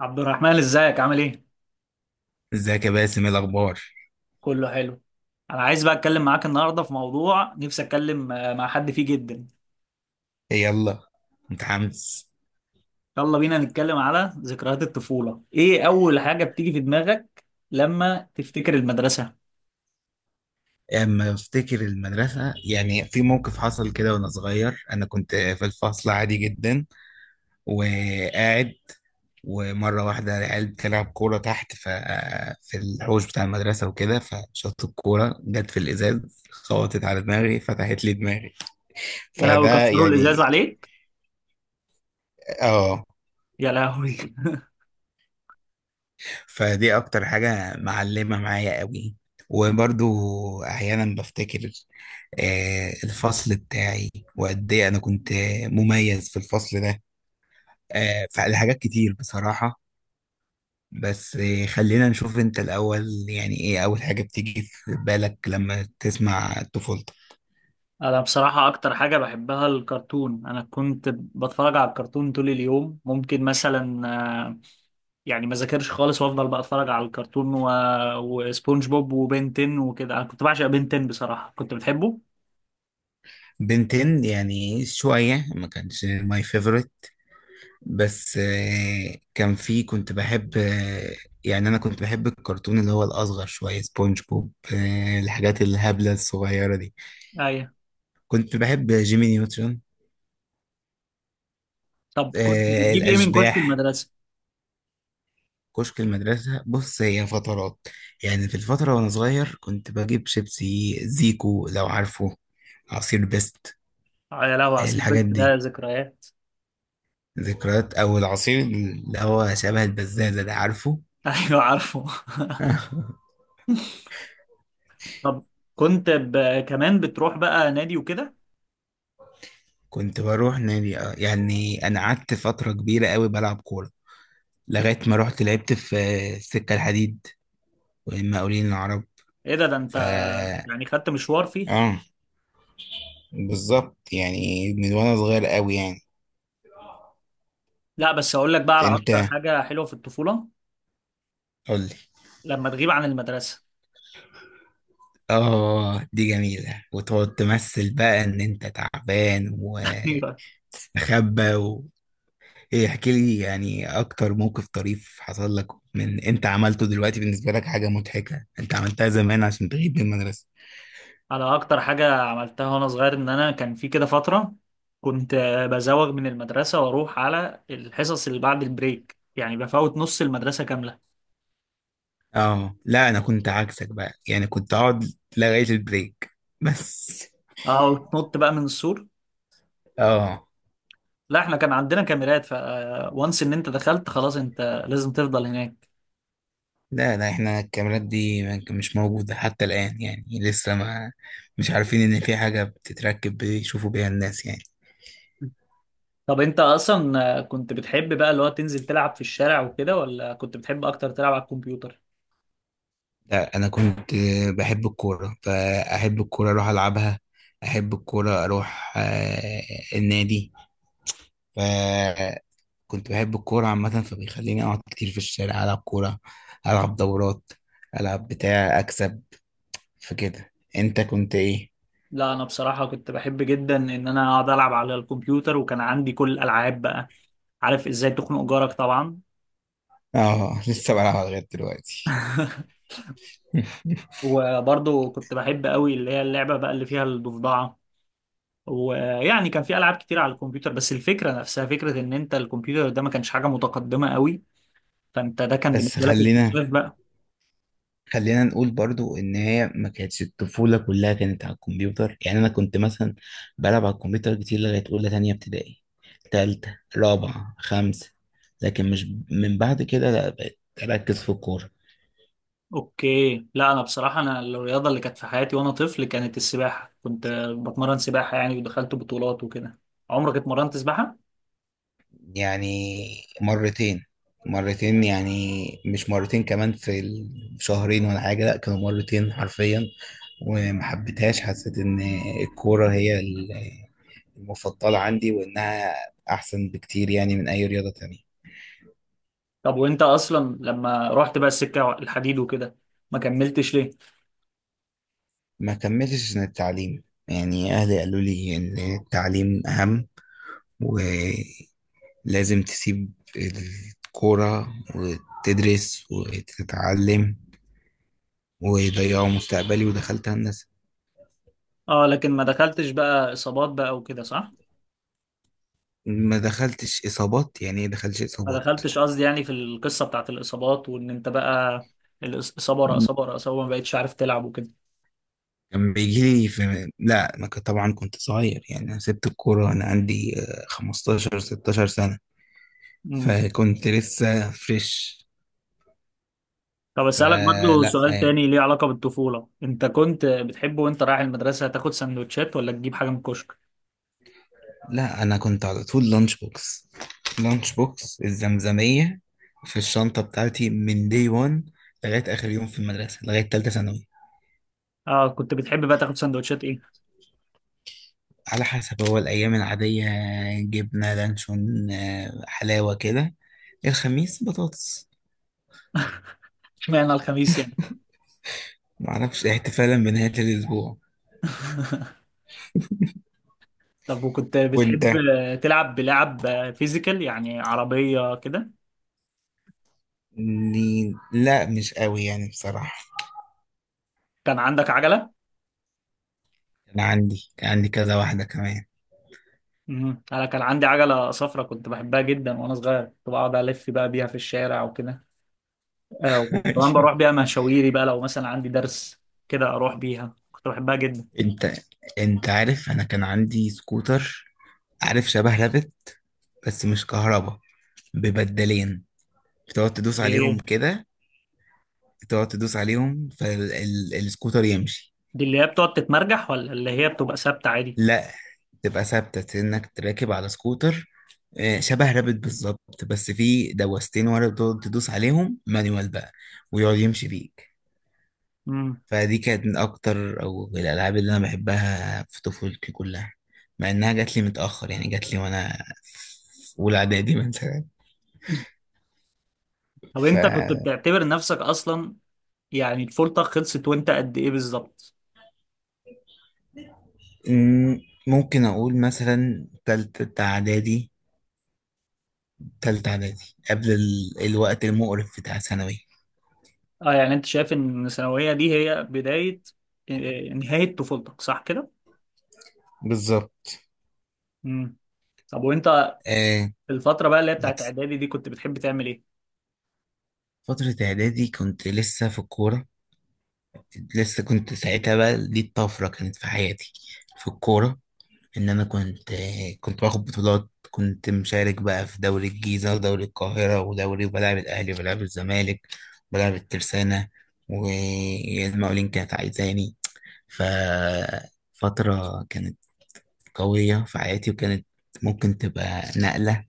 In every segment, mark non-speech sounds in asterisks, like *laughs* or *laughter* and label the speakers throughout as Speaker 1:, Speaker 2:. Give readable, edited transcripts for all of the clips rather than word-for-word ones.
Speaker 1: عبد الرحمن، ازيك؟ عامل ايه؟
Speaker 2: ازيك يا باسم، ايه الاخبار؟
Speaker 1: كله حلو. انا عايز بقى اتكلم معاك النهارده في موضوع نفسي اتكلم مع حد فيه جدا.
Speaker 2: إيه، يلا. متحمس.
Speaker 1: يلا بينا نتكلم على ذكريات الطفولة. ايه اول حاجة بتيجي في دماغك لما تفتكر المدرسة؟
Speaker 2: اما افتكر المدرسه، يعني في موقف حصل كده وانا صغير. انا كنت في الفصل عادي جدا وقاعد، ومره واحده العيال بتلعب كوره تحت في الحوش بتاع المدرسه وكده، فشطت الكوره جت في الازاز خبطت على دماغي فتحت لي دماغي.
Speaker 1: يا
Speaker 2: فده
Speaker 1: لهوي، كسروا
Speaker 2: يعني.
Speaker 1: الازاز عليك!
Speaker 2: اه.
Speaker 1: يا لهوي. *laughs*
Speaker 2: فدي اكتر حاجة معلمة معايا قوي. وبرضو احيانا بفتكر الفصل بتاعي وقد ايه انا كنت مميز في الفصل ده. فالحاجات كتير بصراحة. بس خلينا نشوف انت الاول، يعني ايه اول حاجة بتيجي في بالك لما تسمع طفولتك؟
Speaker 1: انا بصراحة اكتر حاجة بحبها الكرتون. انا كنت بتفرج على الكرتون طول اليوم، ممكن مثلا آه، يعني ما ذاكرش خالص وافضل بقى اتفرج على الكرتون. وسبونج بوب وبنتين وكده. انا كنت بعشق بنتين بصراحة، كنت بتحبه.
Speaker 2: بنتين يعني شوية، ما كانش ماي favorite. بس كان في كنت بحب يعني انا كنت بحب الكرتون اللي هو الاصغر شويه، سبونج بوب، الحاجات الهبله الصغيره دي.
Speaker 1: ايوه.
Speaker 2: كنت بحب جيمي نيوترون.
Speaker 1: طب كنت بتجيب ايه من كشك
Speaker 2: الاشباح.
Speaker 1: المدرسه؟
Speaker 2: كشك المدرسه، بص هي فترات. يعني في الفتره وانا صغير كنت بجيب شيبسي زيكو لو عارفه، عصير بيست.
Speaker 1: يا لهوي عصير، بس
Speaker 2: الحاجات
Speaker 1: ده
Speaker 2: دي
Speaker 1: ذكريات.
Speaker 2: ذكريات، او العصير اللي هو شبه البزازه ده عارفه.
Speaker 1: *laughs* ايوه عارفه.
Speaker 2: *laughs*
Speaker 1: *laughs* طب كمان بتروح بقى نادي وكده؟
Speaker 2: كنت بروح نادي، اه. يعني انا قعدت فتره كبيره قوي بلعب كوره، لغايه ما رحت لعبت في السكه الحديد والمقاولين العرب.
Speaker 1: ايه ده، ده انت
Speaker 2: ف
Speaker 1: يعني خدت مشوار فيها.
Speaker 2: اه بالظبط، يعني من وانا صغير قوي يعني.
Speaker 1: لا بس اقول لك بقى على
Speaker 2: انت
Speaker 1: اكتر حاجه حلوه في الطفوله،
Speaker 2: قول لي.
Speaker 1: لما تغيب عن المدرسه.
Speaker 2: اه دي جميله، وتقعد تمثل بقى ان انت تعبان
Speaker 1: *laughs* ايوه.
Speaker 2: وتستخبى و... ايه احكي لي، يعني اكتر موقف طريف حصل لك من انت عملته دلوقتي بالنسبه لك، حاجه مضحكه انت عملتها زمان عشان تغيب من المدرسه.
Speaker 1: على اكتر حاجه عملتها وانا صغير، ان انا كان في كده فتره كنت بزوغ من المدرسه واروح على الحصص اللي بعد البريك، يعني بفوت نص المدرسه كامله.
Speaker 2: اه لا، انا كنت عكسك بقى. يعني كنت اقعد لغاية البريك بس.
Speaker 1: اه وتنط بقى من السور.
Speaker 2: اه.
Speaker 1: لا احنا كان عندنا كاميرات، وانس ان انت دخلت خلاص، انت لازم تفضل هناك.
Speaker 2: لا لا، احنا الكاميرات دي مش موجودة حتى الآن، يعني لسه ما مش عارفين ان في حاجة بتتركب بيشوفوا بيها الناس يعني.
Speaker 1: طب انت اصلا كنت بتحب بقى اللي هو تنزل تلعب في الشارع وكده، ولا كنت بتحب اكتر تلعب على الكمبيوتر؟
Speaker 2: لا انا كنت بحب الكورة، فاحب الكورة اروح العبها، احب الكورة اروح النادي. فكنت بحب الكورة عامة، فبيخليني اقعد كتير في الشارع العب كورة، العب دورات، العب بتاع اكسب. فكده انت كنت ايه؟
Speaker 1: لا انا بصراحة كنت بحب جدا ان انا اقعد العب على الكمبيوتر، وكان عندي كل الالعاب بقى. عارف ازاي تخنق جارك طبعا.
Speaker 2: اه لسه بلعبها لغايه دلوقتي. *laughs*
Speaker 1: وبرضه كنت بحب قوي اللي هي اللعبة بقى اللي فيها الضفدعة. ويعني كان في العاب كتير على الكمبيوتر، بس الفكرة نفسها فكرة ان انت الكمبيوتر ده ما كانش حاجة متقدمة قوي، فانت ده كان
Speaker 2: بس
Speaker 1: بالنسبة لك
Speaker 2: خلينا
Speaker 1: اكتشاف بقى.
Speaker 2: خلينا نقول برضو ان هي ما كانتش الطفوله كلها كانت على الكمبيوتر. يعني انا كنت مثلا بلعب على الكمبيوتر كتير لغايه اولى تانية ابتدائي، تالتة، رابعه، خمسة، لكن مش من بعد كده. لا بقيت اركز في الكوره.
Speaker 1: اوكي. لا انا بصراحه، انا الرياضه اللي كانت في حياتي وانا طفل كانت السباحه، كنت بتمرن سباحه يعني، ودخلت بطولات وكده. عمرك اتمرنت سباحه؟
Speaker 2: يعني مرتين، مرتين يعني، مش مرتين كمان في الشهرين ولا حاجة. لا كانوا مرتين حرفيا وما حبيتهاش. حسيت ان الكورة هي المفضلة عندي، وانها احسن بكتير يعني من اي رياضة تانية.
Speaker 1: طب وانت اصلا لما رحت بقى السكه الحديد وكده، ما كملتش ليه؟
Speaker 2: ما كملتش سنة التعليم، يعني اهلي قالوا لي ان التعليم اهم، ولازم تسيب الكورة وتدرس وتتعلم، ويضيعوا مستقبلي، ودخلت هندسة.
Speaker 1: اه، لكن ما دخلتش بقى اصابات بقى وكده، صح؟
Speaker 2: ما دخلتش اصابات، يعني ايه دخلتش
Speaker 1: ما
Speaker 2: اصابات؟
Speaker 1: دخلتش قصدي يعني في القصه بتاعت الاصابات، وان انت بقى الاصابه ورا اصابه ورا اصابه ما بقتش عارف تلعب وكده.
Speaker 2: كان بيجي لي في، لا ما كنت طبعا. كنت صغير، يعني انا سبت الكوره انا عندي 15 16 سنه.
Speaker 1: امم
Speaker 2: فكنت لسه فريش.
Speaker 1: طب اسالك برضو
Speaker 2: فلا
Speaker 1: سؤال
Speaker 2: يعني،
Speaker 1: تاني ليه علاقه بالطفوله، انت كنت بتحب وانت رايح المدرسه تاخد سندوتشات ولا تجيب حاجه من الكشك؟
Speaker 2: لا انا كنت على طول لانش بوكس، لانش بوكس. الزمزميه في الشنطه بتاعتي من دي 1 لغايه اخر يوم في المدرسه، لغايه ثالثه ثانوي.
Speaker 1: اه، كنت بتحب بقى تاخد سندوتشات ايه؟
Speaker 2: على حسب، هو الايام العاديه جبنه لانشون حلاوه كده. الخميس بطاطس.
Speaker 1: اشمعنى الخميس يعني؟
Speaker 2: معرفش إيه، احتفالا بنهاية الأسبوع.
Speaker 1: طب وكنت
Speaker 2: وأنت؟
Speaker 1: بتحب تلعب بلعب فيزيكال، يعني عربية كده؟
Speaker 2: لا مش قوي يعني بصراحة.
Speaker 1: كان عندك عجلة؟
Speaker 2: أنا عندي، كان عندي كذا واحدة كمان.
Speaker 1: انا كان عندي عجلة صفراء كنت بحبها جدا. وانا صغير كنت بقعد الف بقى بيها في الشارع وكده. آه،
Speaker 2: *laughs*
Speaker 1: وكنت كمان
Speaker 2: أيوة.
Speaker 1: بروح بيها مشاويري بقى، لو مثلا عندي درس كده اروح بيها. كنت بحبها جدا.
Speaker 2: أنت أنت عارف أنا كان عندي سكوتر؟ عارف شبه رابت بس مش كهربا، ببدلين بتقعد تدوس عليهم
Speaker 1: ايه
Speaker 2: كده، تقعد تدوس عليهم فالسكوتر يمشي.
Speaker 1: دي، اللي هي بتقعد تتمرجح، ولا اللي هي بتبقى ثابتة عادي؟
Speaker 2: لا، تبقى ثابتة انك تراكب على سكوتر. شبه رابط بالظبط، بس فيه دوستين ورا بتقعد تدوس عليهم مانيوال بقى، ويقعد يمشي بيك.
Speaker 1: امم
Speaker 2: فدي كانت من اكتر او الالعاب اللي انا بحبها في طفولتي كلها، مع انها جات لي متاخر. يعني جات لي وانا في اولى اعدادي *laughs* مثلا.
Speaker 1: طب
Speaker 2: ف
Speaker 1: انت كنت بتعتبر نفسك اصلا، يعني طفولتك خلصت وانت قد ايه بالظبط؟
Speaker 2: م- ممكن اقول مثلا تالتة اعدادي. قبل الوقت المقرف بتاع ثانوي.
Speaker 1: اه، يعني انت شايف ان الثانوية دي هي بداية آه، نهاية طفولتك، صح كده؟
Speaker 2: بالظبط.
Speaker 1: امم طب وانت
Speaker 2: آه
Speaker 1: الفترة بقى اللي هي بتاعت اعدادي دي كنت بتحب تعمل ايه؟
Speaker 2: فترة إعدادي كنت لسه في الكورة. لسه كنت ساعتها بقى، دي الطفرة كانت في حياتي في الكورة. إن أنا كنت، كنت باخد بطولات، كنت مشارك بقى في دوري الجيزة ودوري القاهرة ودوري، وبلعب الأهلي وبلعب الزمالك وبلعب الترسانة، والمقاولين كانت عايزاني. ففترة كانت قوية في حياتي، وكانت ممكن تبقى نقلة،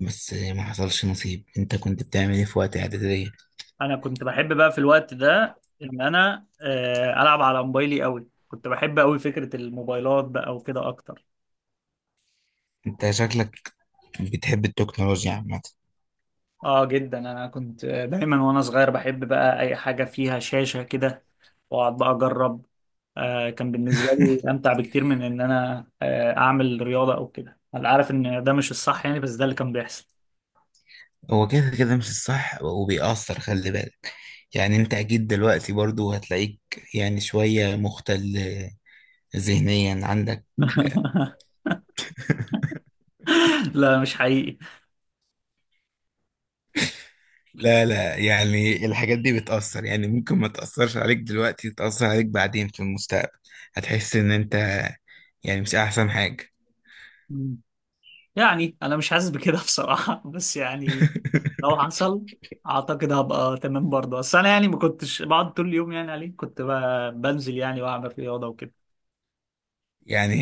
Speaker 2: بس ما حصلش نصيب. انت كنت بتعمل ايه في وقت اعدادية؟
Speaker 1: انا كنت بحب بقى في الوقت ده ان انا العب على موبايلي قوي. كنت بحب قوي فكرة الموبايلات بقى وكده اكتر.
Speaker 2: انت شكلك بتحب التكنولوجيا عامة.
Speaker 1: اه جدا، انا كنت دايما وانا صغير بحب بقى اي حاجه فيها شاشه كده واقعد بقى اجرب. آه، كان بالنسبه لي امتع بكتير من ان انا اعمل رياضه او كده. انا عارف ان ده مش الصح يعني، بس ده اللي كان بيحصل.
Speaker 2: هو كده كده مش الصح وبيأثر، خلي بالك. يعني انت اكيد دلوقتي برضو هتلاقيك يعني شوية مختل ذهنيا عندك.
Speaker 1: *laughs* لا، مش حقيقي.
Speaker 2: لا لا، يعني الحاجات دي بتأثر، يعني ممكن ما تأثرش عليك دلوقتي تأثر عليك بعدين في المستقبل. هتحس ان انت يعني مش احسن حاجة.
Speaker 1: مم. يعني انا مش حاسس بكده بصراحه. *laughs* بس يعني لو حصل، اعتقد هبقى تمام برضه. بس انا يعني ما كنتش بقعد طول اليوم يعني عليه، كنت بنزل يعني واعمل رياضه وكده.
Speaker 2: يعني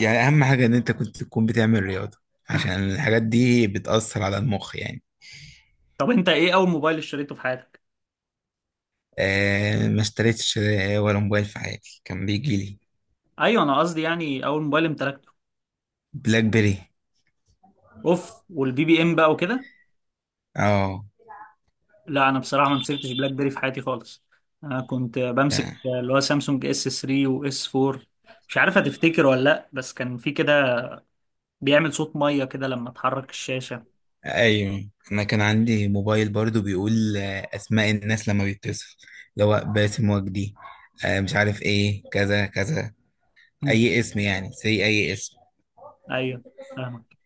Speaker 2: يعني اهم حاجة ان انت كنت تكون بتعمل رياضة، عشان الحاجات دي بتأثر على المخ يعني.
Speaker 1: طب انت ايه اول موبايل اشتريته في حياتك؟
Speaker 2: ما اشتريتش ولا موبايل في حياتي، كان بيجي لي.
Speaker 1: ايوه، انا قصدي يعني اول موبايل امتلكته.
Speaker 2: بلاك بيري.
Speaker 1: اوف، والبي بي ام بقى وكده.
Speaker 2: اه.
Speaker 1: لا انا بصراحه ما مسكتش بلاك بيري في حياتي خالص. انا كنت بمسك
Speaker 2: آه،
Speaker 1: اللي هو سامسونج اس 3 واس 4. مش عارف هتفتكر ولا لا، بس كان في كده بيعمل صوت ميه كده لما تحرك الشاشه.
Speaker 2: ايوه انا كان عندي موبايل برضو بيقول اسماء الناس لما بيتصل، اللي هو باسم وجدي، مش عارف ايه كذا كذا.
Speaker 1: مم.
Speaker 2: اي اسم، يعني سي اي اسم.
Speaker 1: ايوه، فاهمك.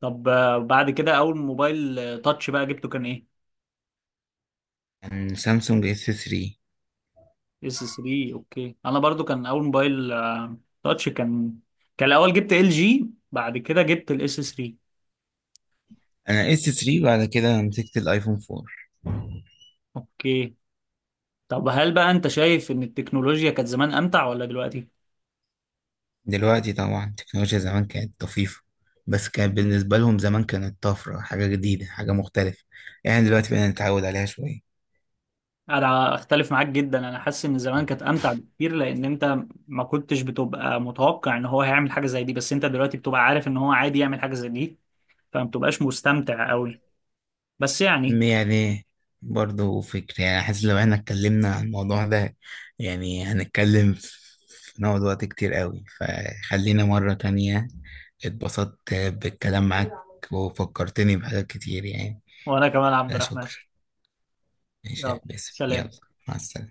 Speaker 1: طب بعد كده اول موبايل تاتش بقى جبته كان ايه؟
Speaker 2: كان سامسونج اس 3.
Speaker 1: اس 3. اوكي. انا برضو كان اول موبايل تاتش كان، كان الاول جبت ال جي، بعد كده جبت الاس 3.
Speaker 2: انا اس 3 بعد كده مسكت الايفون 4.
Speaker 1: اوكي. طب هل بقى انت شايف ان التكنولوجيا كانت زمان امتع ولا دلوقتي؟
Speaker 2: دلوقتي طبعا التكنولوجيا زمان كانت طفيفة، بس كانت بالنسبة لهم زمان كانت طفرة، حاجة جديدة حاجة مختلفة. يعني دلوقتي بقينا نتعود عليها شوية.
Speaker 1: انا اختلف معاك جدا. انا حاسس ان زمان كانت امتع بكتير، لان انت ما كنتش بتبقى متوقع ان هو هيعمل حاجة زي دي، بس انت دلوقتي بتبقى عارف ان هو عادي يعمل حاجة زي دي، فما بتبقاش مستمتع قوي. بس يعني،
Speaker 2: يعني برضه فكرة، يعني حاسس لو احنا اتكلمنا عن الموضوع ده يعني هنتكلم، في نقعد وقت كتير قوي. فخلينا مرة تانية. اتبسطت بالكلام معاك وفكرتني بحاجات كتير يعني.
Speaker 1: وانا كمان عبد الرحمن.
Speaker 2: فشكرا. ماشي
Speaker 1: يلا
Speaker 2: يا باسم،
Speaker 1: سلام.
Speaker 2: يلا. مع السلامة.